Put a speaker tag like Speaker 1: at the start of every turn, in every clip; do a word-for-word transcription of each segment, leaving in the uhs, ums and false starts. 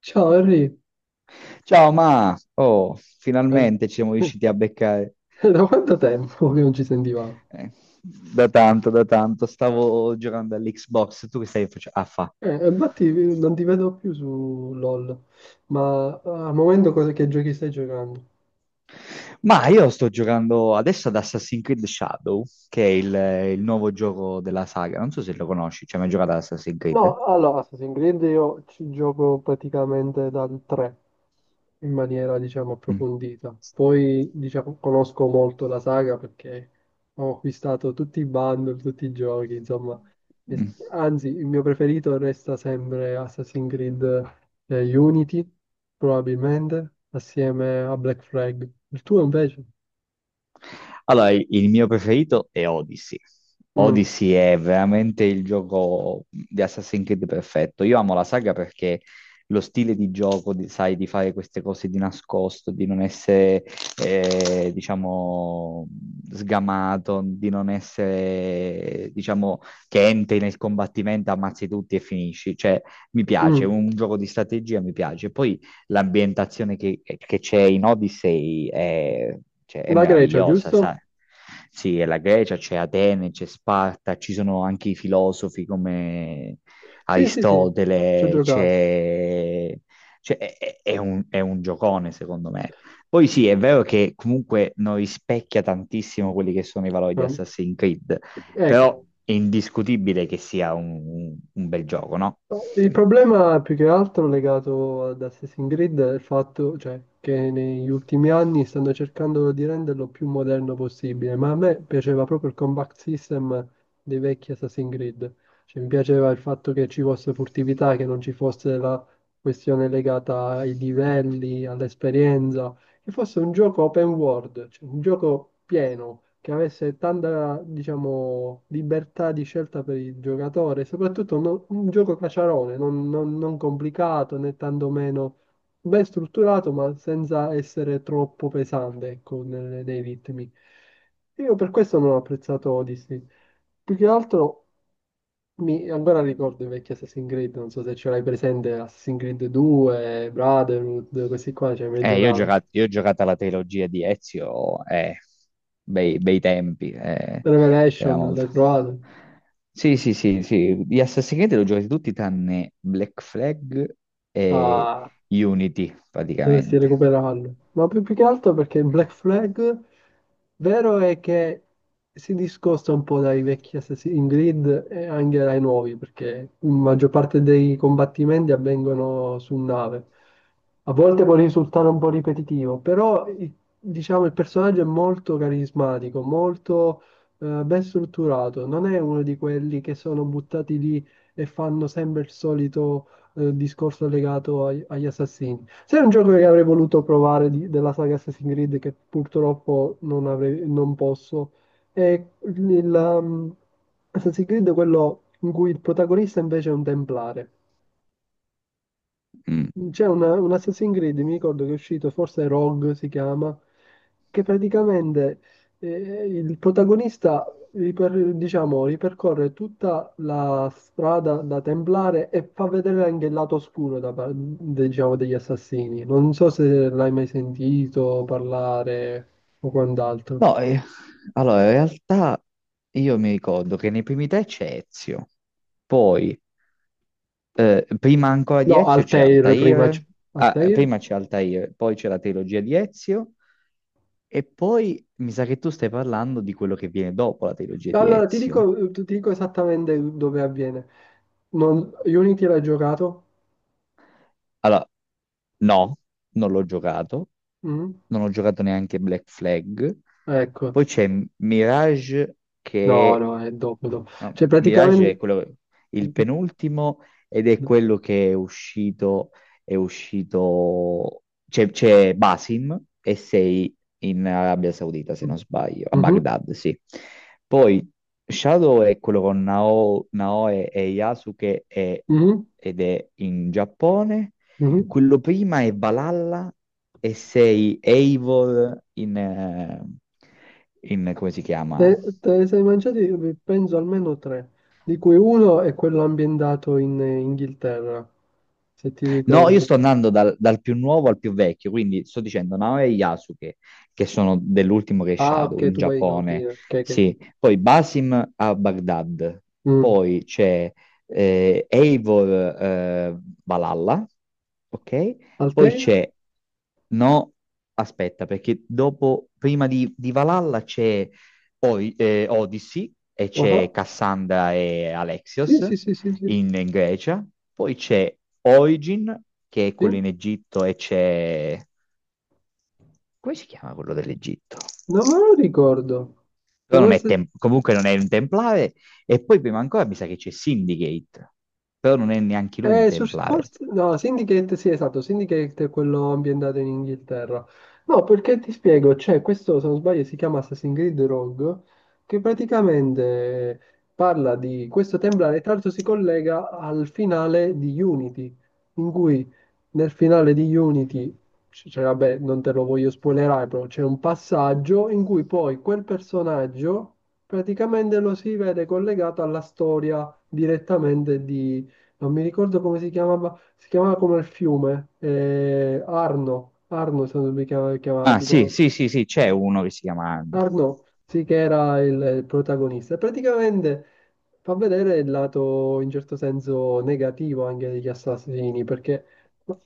Speaker 1: Ciao Henry.
Speaker 2: Ciao, ma oh,
Speaker 1: Eh.
Speaker 2: finalmente ci siamo riusciti a beccare.
Speaker 1: Da quanto tempo che non ci sentivamo?
Speaker 2: Eh, Da tanto, da tanto. Stavo giocando all'Xbox. Tu che stai facendo? Ah, fa.
Speaker 1: Eh, infatti eh, non ti vedo più su LOL, ma eh, al momento cosa, che giochi stai giocando?
Speaker 2: Ma io sto giocando adesso ad Assassin's Creed Shadow, che è il, il nuovo gioco della saga. Non so se lo conosci, cioè mai giocato ad Assassin's Creed?
Speaker 1: No, allora, Assassin's Creed io ci gioco praticamente dal tre. In maniera, diciamo,
Speaker 2: Mm.
Speaker 1: approfondita. Poi, diciamo, conosco molto la saga perché ho acquistato tutti i bundle, tutti i giochi, insomma. E-
Speaker 2: Mm.
Speaker 1: Anzi, il mio preferito resta sempre Assassin's Creed eh, Unity, probabilmente, assieme a Black Flag. Il tuo invece?
Speaker 2: Allora, il il mio preferito è Odyssey.
Speaker 1: Mm,
Speaker 2: Odyssey è veramente il gioco di Assassin's Creed perfetto. Io amo la saga perché lo stile di gioco, di- sai, di fare queste cose di nascosto, di non essere, eh, diciamo, sgamato, di non essere, diciamo, che entri nel combattimento, ammazzi tutti e finisci. Cioè, mi piace, è
Speaker 1: mm.
Speaker 2: un gioco di strategia mi piace. Poi l'ambientazione che, che c'è in Odyssey è, cioè, è
Speaker 1: La Grecia,
Speaker 2: meravigliosa,
Speaker 1: giusto?
Speaker 2: sai? Sì, è la Grecia, c'è Atene, c'è Sparta, ci sono anche i filosofi come
Speaker 1: Sì, sì, sì, ci ho
Speaker 2: Aristotele,
Speaker 1: giocato.
Speaker 2: c'è... cioè, è, è- è un, è un giocone, secondo me. Poi sì, è vero che comunque non rispecchia tantissimo quelli che sono i valori di
Speaker 1: Ma-
Speaker 2: Assassin's Creed,
Speaker 1: Ecco,
Speaker 2: però è indiscutibile che sia un, un bel gioco, no?
Speaker 1: il problema è più che altro legato ad Assassin's Creed è il fatto, cioè, che negli ultimi anni stanno cercando di renderlo più moderno possibile, ma a me piaceva proprio il combat system dei vecchi Assassin's Creed. Cioè, mi piaceva il fatto che ci fosse furtività, che non ci fosse la questione legata ai livelli, all'esperienza, che fosse un gioco open world, cioè un gioco pieno, che avesse tanta, diciamo, libertà di scelta per il giocatore, soprattutto no- un gioco caciarone, non, non- non complicato né tantomeno ben strutturato, ma senza essere troppo pesante, ecco, nelle- nei ritmi. Io per questo non ho apprezzato Odyssey. Più che altro mi ancora ricordo i vecchi Assassin's Creed, non so se ce l'hai presente, Assassin's Creed due, Brotherhood, questi qua, cioè mi hai
Speaker 2: Eh, io ho
Speaker 1: giocato.
Speaker 2: giocato, io ho giocato alla trilogia di Ezio, eh, bei, bei tempi, eh, era
Speaker 1: Revelation,
Speaker 2: molto.
Speaker 1: l'hai provato?
Speaker 2: Sì, sì, sì, sì, gli Assassin's Creed l'ho giocati tutti tranne Black Flag e
Speaker 1: Ah,
Speaker 2: Unity,
Speaker 1: dovresti
Speaker 2: praticamente.
Speaker 1: recuperarlo. Ma più, più che altro perché Black Flag, vero è che si discosta un po' dai vecchi Assassin's Creed e anche dai nuovi, perché la maggior parte dei combattimenti avvengono su nave. A volte può risultare un po' ripetitivo, però i- diciamo il personaggio è molto carismatico, molto eh, ben strutturato. Non è uno di quelli che sono buttati lì e fanno sempre il solito eh, discorso legato ai- agli assassini. Sai un gioco che avrei voluto provare di- della saga Assassin's Creed che purtroppo non, avrei- non posso? È il, um, Assassin's Creed quello in cui il protagonista invece è un templare.
Speaker 2: Mm.
Speaker 1: C'è una- un Assassin's Creed, mi ricordo che è uscito, forse Rogue si chiama, che praticamente eh, il protagonista riper- diciamo, ripercorre tutta la strada da Templare e fa vedere anche il lato oscuro da par- diciamo, degli assassini. Non so se l'hai mai sentito parlare o quant'altro.
Speaker 2: No, eh, allora, in realtà io mi ricordo che nei primi tre c'è Ezio, poi Eh, prima ancora
Speaker 1: No,
Speaker 2: di Ezio c'è
Speaker 1: Altair prima.
Speaker 2: Altair,
Speaker 1: c-
Speaker 2: ah, eh,
Speaker 1: Altair?
Speaker 2: prima c'è Altair, poi c'è la trilogia di Ezio, e poi mi sa che tu stai parlando di quello che viene dopo la trilogia di
Speaker 1: Allora, ti
Speaker 2: Ezio.
Speaker 1: dico, ti dico esattamente dove avviene. Non- Unity l'hai giocato?
Speaker 2: Allora, no, non l'ho giocato,
Speaker 1: Mm?
Speaker 2: non ho giocato neanche Black Flag.
Speaker 1: Ecco,
Speaker 2: Poi c'è Mirage
Speaker 1: no,
Speaker 2: che
Speaker 1: no, è dopo, dopo.
Speaker 2: no,
Speaker 1: Cioè,
Speaker 2: Mirage è
Speaker 1: praticamente.
Speaker 2: quello, il
Speaker 1: Mhm,
Speaker 2: penultimo ed è quello che è uscito, è uscito, c'è c'è Basim e sei in Arabia Saudita, se non sbaglio, a
Speaker 1: mhm,
Speaker 2: Baghdad, sì. Poi Shadow è quello con Nao- Naoe e Yasuke e- ed è in Giappone.
Speaker 1: mhm.
Speaker 2: Quello prima è Valhalla e sei Eivor in, eh, in come si
Speaker 1: Te,
Speaker 2: chiama?
Speaker 1: te ne sei mangiati, penso, almeno tre, di cui uno è quello ambientato in Inghilterra, se ti
Speaker 2: No, io
Speaker 1: ricordi.
Speaker 2: sto andando dal, dal più nuovo al più vecchio, quindi sto dicendo Naoya e Yasuke, che sono dell'ultimo che è
Speaker 1: Ah,
Speaker 2: Shadow
Speaker 1: ok,
Speaker 2: in
Speaker 1: tu vai in
Speaker 2: Giappone,
Speaker 1: ordine. Ok, ok.
Speaker 2: sì. Poi Basim a Baghdad,
Speaker 1: Mm.
Speaker 2: poi c'è eh, Eivor eh, Valhalla, ok? Poi
Speaker 1: Altera?
Speaker 2: c'è... No, aspetta, perché dopo, prima di, di Valhalla c'è Ori- eh, Odyssey e c'è
Speaker 1: Ah,
Speaker 2: Cassandra e
Speaker 1: sì,
Speaker 2: Alexios
Speaker 1: sì, sì, sì, sì.
Speaker 2: in, in Grecia, poi c'è Origin, che è quello
Speaker 1: Sì?
Speaker 2: in Egitto, e c'è... come si chiama quello dell'Egitto?
Speaker 1: Non me lo ricordo.
Speaker 2: Però non
Speaker 1: Dove
Speaker 2: è
Speaker 1: sei?
Speaker 2: tem- comunque non è un templare, e poi prima ancora mi sa che c'è Syndicate, però non è neanche lui un
Speaker 1: Eh, Social
Speaker 2: templare.
Speaker 1: Force? No, Syndicate, sì, esatto, Syndicate è quello ambientato in Inghilterra. No, perché ti spiego, c'è questo, se non sbaglio, si chiama Assassin's Creed Rogue, che praticamente parla di questo templare, tra l'altro si collega al finale di Unity, in cui nel finale di Unity, c- cioè, vabbè, non te lo voglio spoilerare, però c'è un passaggio in cui poi quel personaggio praticamente lo si vede collegato alla storia direttamente non mi ricordo come si chiamava, si chiamava come il fiume, eh, Arno, Arno se non mi chiama- chiamava,
Speaker 2: Ah, sì,
Speaker 1: tipo,
Speaker 2: sì, sì, sì, c'è uno che si chiama Anno.
Speaker 1: Arno, sì che era il, il protagonista. E praticamente fa vedere il lato in certo senso negativo anche degli assassini, perché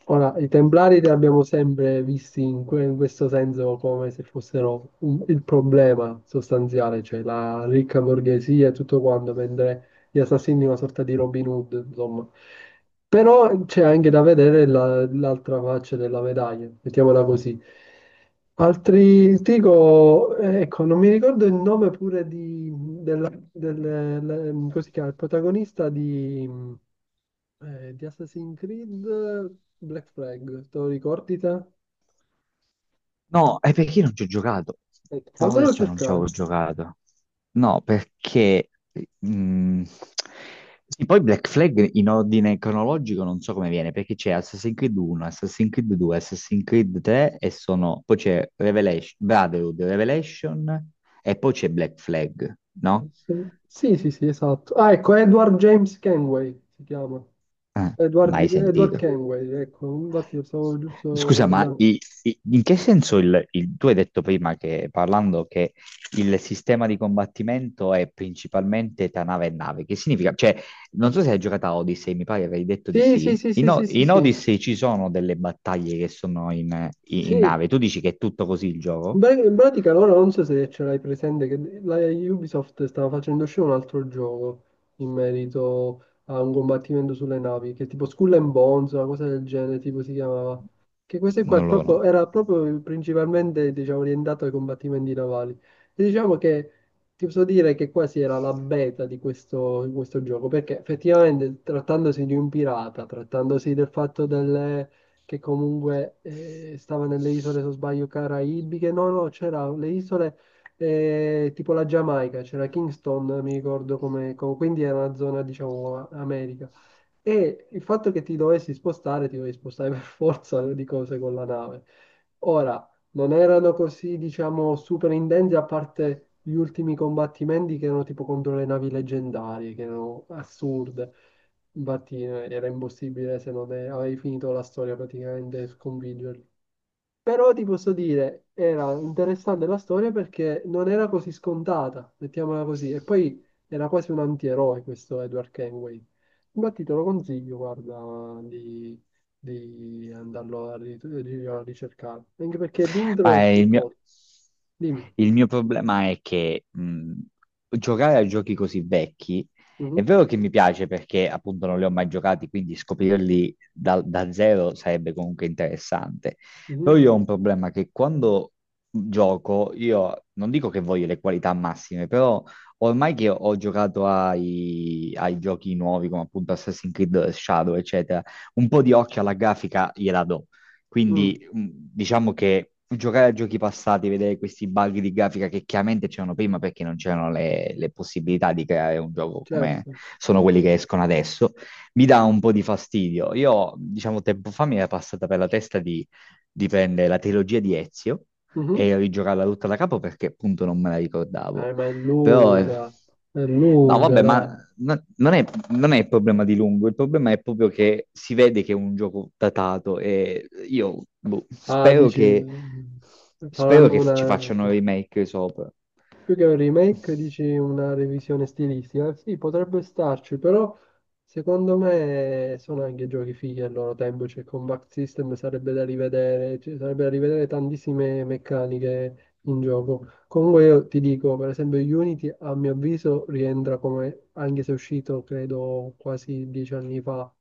Speaker 1: ora i Templari li abbiamo sempre visti in, que- in questo senso come se fossero un- il problema sostanziale, cioè la ricca borghesia e tutto quanto, mentre gli assassini una sorta di Robin Hood, insomma. Però c'è anche da vedere la- l'altra faccia della medaglia, mettiamola così. Altri, ti dico, eh, ecco, non mi ricordo il nome pure di, della, del, le- come si chiama, il protagonista di, eh, di Assassin's Creed Black Flag, te lo ricordi te?
Speaker 2: No, è perché io non ci ho giocato.
Speaker 1: Aspetta,
Speaker 2: Te l'avevo
Speaker 1: fammelo
Speaker 2: detto, non ci
Speaker 1: cercare.
Speaker 2: avevo giocato. No, perché... mm, sì, poi Black Flag in ordine cronologico non so come viene, perché c'è Assassin's Creed uno, Assassin's Creed due, Assassin's Creed tre e sono... Poi c'è Revelation, Brotherhood, Revelation e poi c'è Black Flag, no?
Speaker 1: Sì, sì, sì, esatto. Ah, ecco, Edward James Kenway si chiama.
Speaker 2: Ah,
Speaker 1: Edward,
Speaker 2: mai
Speaker 1: Edward
Speaker 2: sentito.
Speaker 1: Kenway, ecco, infatti lo stavo giusto
Speaker 2: Scusa, ma
Speaker 1: guardando.
Speaker 2: i- i- in che senso il, il- tu hai detto prima che parlando che il sistema di combattimento è principalmente tra nave e nave? Che significa? Cioè, non so se hai giocato a Odyssey, mi pare avevi detto di
Speaker 1: Sì, sì,
Speaker 2: sì.
Speaker 1: sì,
Speaker 2: In,
Speaker 1: sì,
Speaker 2: O-
Speaker 1: sì, sì,
Speaker 2: in
Speaker 1: sì.
Speaker 2: Odyssey ci sono delle battaglie che sono in, in- in
Speaker 1: Sì.
Speaker 2: nave. Tu dici che è tutto così il
Speaker 1: In
Speaker 2: gioco?
Speaker 1: pra- in pratica loro non so se ce l'hai presente, che la Ubisoft stava facendo uscire un altro gioco in merito a un combattimento sulle navi, che è tipo Skull and Bones, una cosa del genere, tipo si chiamava. Che questo qua è
Speaker 2: Non lo conosco.
Speaker 1: proprio- era proprio principalmente, diciamo, orientato ai combattimenti navali. E diciamo che ti posso dire che quasi era la beta di questo, di questo gioco, perché effettivamente trattandosi di un pirata, trattandosi del fatto delle che comunque eh, stava nelle isole, se non sbaglio, caraibiche. No, no, c'era le isole eh, tipo la Giamaica, c'era Kingston, mi ricordo come, co- quindi era una zona, diciamo, a- America. E il fatto che ti dovessi spostare, ti dovevi spostare per forza di cose con la nave. Ora, non erano così, diciamo, super intensi, a parte gli ultimi combattimenti che erano tipo contro le navi leggendarie, che erano assurde. Infatti eh, era impossibile se non eh, avevi finito la storia praticamente sconfiggerli. Però ti posso dire, era interessante la storia perché non era così scontata, mettiamola così. E poi era quasi un antieroe questo Edward Kenway. Infatti te lo consiglio, guarda, di, di andarlo a, ri- di- a ricercare. Anche perché l'intro
Speaker 2: Ma
Speaker 1: è è
Speaker 2: il mio,
Speaker 1: corto. Dimmi.
Speaker 2: il mio problema è che mh, giocare a giochi così vecchi è
Speaker 1: Mhm,
Speaker 2: vero che mi piace perché appunto non li ho mai giocati, quindi scoprirli da, da zero sarebbe comunque interessante.
Speaker 1: mhm,
Speaker 2: Però io ho un problema che quando gioco, io non dico che voglio le qualità massime, però ormai che ho giocato ai, ai giochi nuovi come appunto Assassin's Creed Shadow, eccetera, un po' di occhio alla grafica gliela do
Speaker 1: mm,
Speaker 2: quindi mh, diciamo che giocare a giochi passati, vedere questi bug di grafica che chiaramente c'erano prima perché non c'erano le, le possibilità di creare un gioco come
Speaker 1: certo.
Speaker 2: sono quelli che escono adesso, mi dà un po' di fastidio. Io, diciamo, tempo fa mi era passata per la testa di, di prendere la trilogia di Ezio
Speaker 1: Mhm.
Speaker 2: e rigiocarla tutta da capo perché appunto non me la ricordavo.
Speaker 1: Eh, ma è
Speaker 2: Però... eh,
Speaker 1: lunga, è
Speaker 2: no,
Speaker 1: lunga,
Speaker 2: vabbè, ma
Speaker 1: dai.
Speaker 2: no- non è, non è il problema di lungo, il problema è proprio che si vede che è un gioco datato e io boh,
Speaker 1: Ah,
Speaker 2: spero
Speaker 1: dici,
Speaker 2: che, spero
Speaker 1: faranno
Speaker 2: che ci
Speaker 1: una.
Speaker 2: facciano remake sopra.
Speaker 1: Più che un remake, dici una revisione stilistica? Sì, potrebbe starci, però secondo me sono anche giochi fighi al loro tempo, cioè Combat System sarebbe da rivedere, ci sarebbe da rivedere tantissime meccaniche in gioco. Comunque io ti dico, per esempio Unity a mio avviso rientra come, anche se è uscito credo quasi dieci anni fa,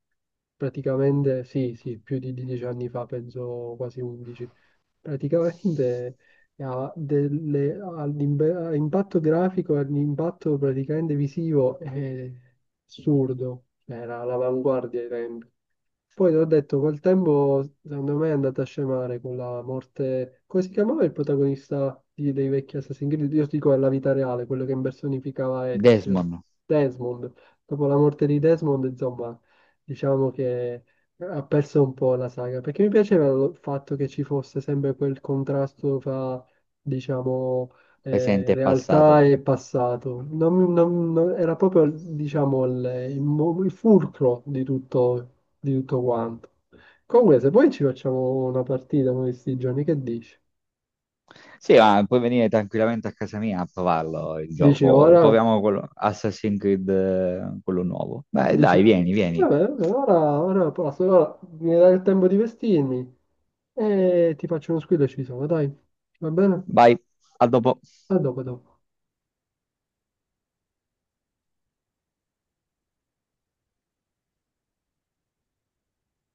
Speaker 1: praticamente sì, sì, più di dieci anni fa, penso quasi undici. Praticamente ha delle- ha l'imbe- ha impatto grafico e l'impatto praticamente visivo è assurdo, era all'avanguardia ai tempi. Poi l'ho detto, col tempo secondo me è andata a scemare con la morte. Come si chiamava il protagonista di- dei vecchi Assassin's Creed? Io dico alla vita reale, quello che impersonificava Ezio,
Speaker 2: Desmond,
Speaker 1: Desmond. Dopo la morte di Desmond, insomma, diciamo che ha perso un po' la saga. Perché mi piaceva il fatto che ci fosse sempre quel contrasto fra, diciamo, eh,
Speaker 2: presente e
Speaker 1: realtà
Speaker 2: passato.
Speaker 1: e passato. Non- non- non- era proprio, diciamo, il, il mo- il fulcro di tutto di tutto quanto. Comunque, se poi ci facciamo una partita con questi giorni, che dici?
Speaker 2: Sì, ma puoi venire tranquillamente a casa mia a provarlo il
Speaker 1: Dici
Speaker 2: gioco.
Speaker 1: ora?
Speaker 2: Proviamo quello, Assassin's Creed, eh, quello nuovo. Beh, dai,
Speaker 1: Dici,
Speaker 2: vieni, vieni.
Speaker 1: vabbè, vabbè, ora, ora posso, ora mi dai il tempo di vestirmi e ti faccio uno squillo e ci sono, dai, va bene?
Speaker 2: Vai, a dopo.
Speaker 1: A dopo, a dopo.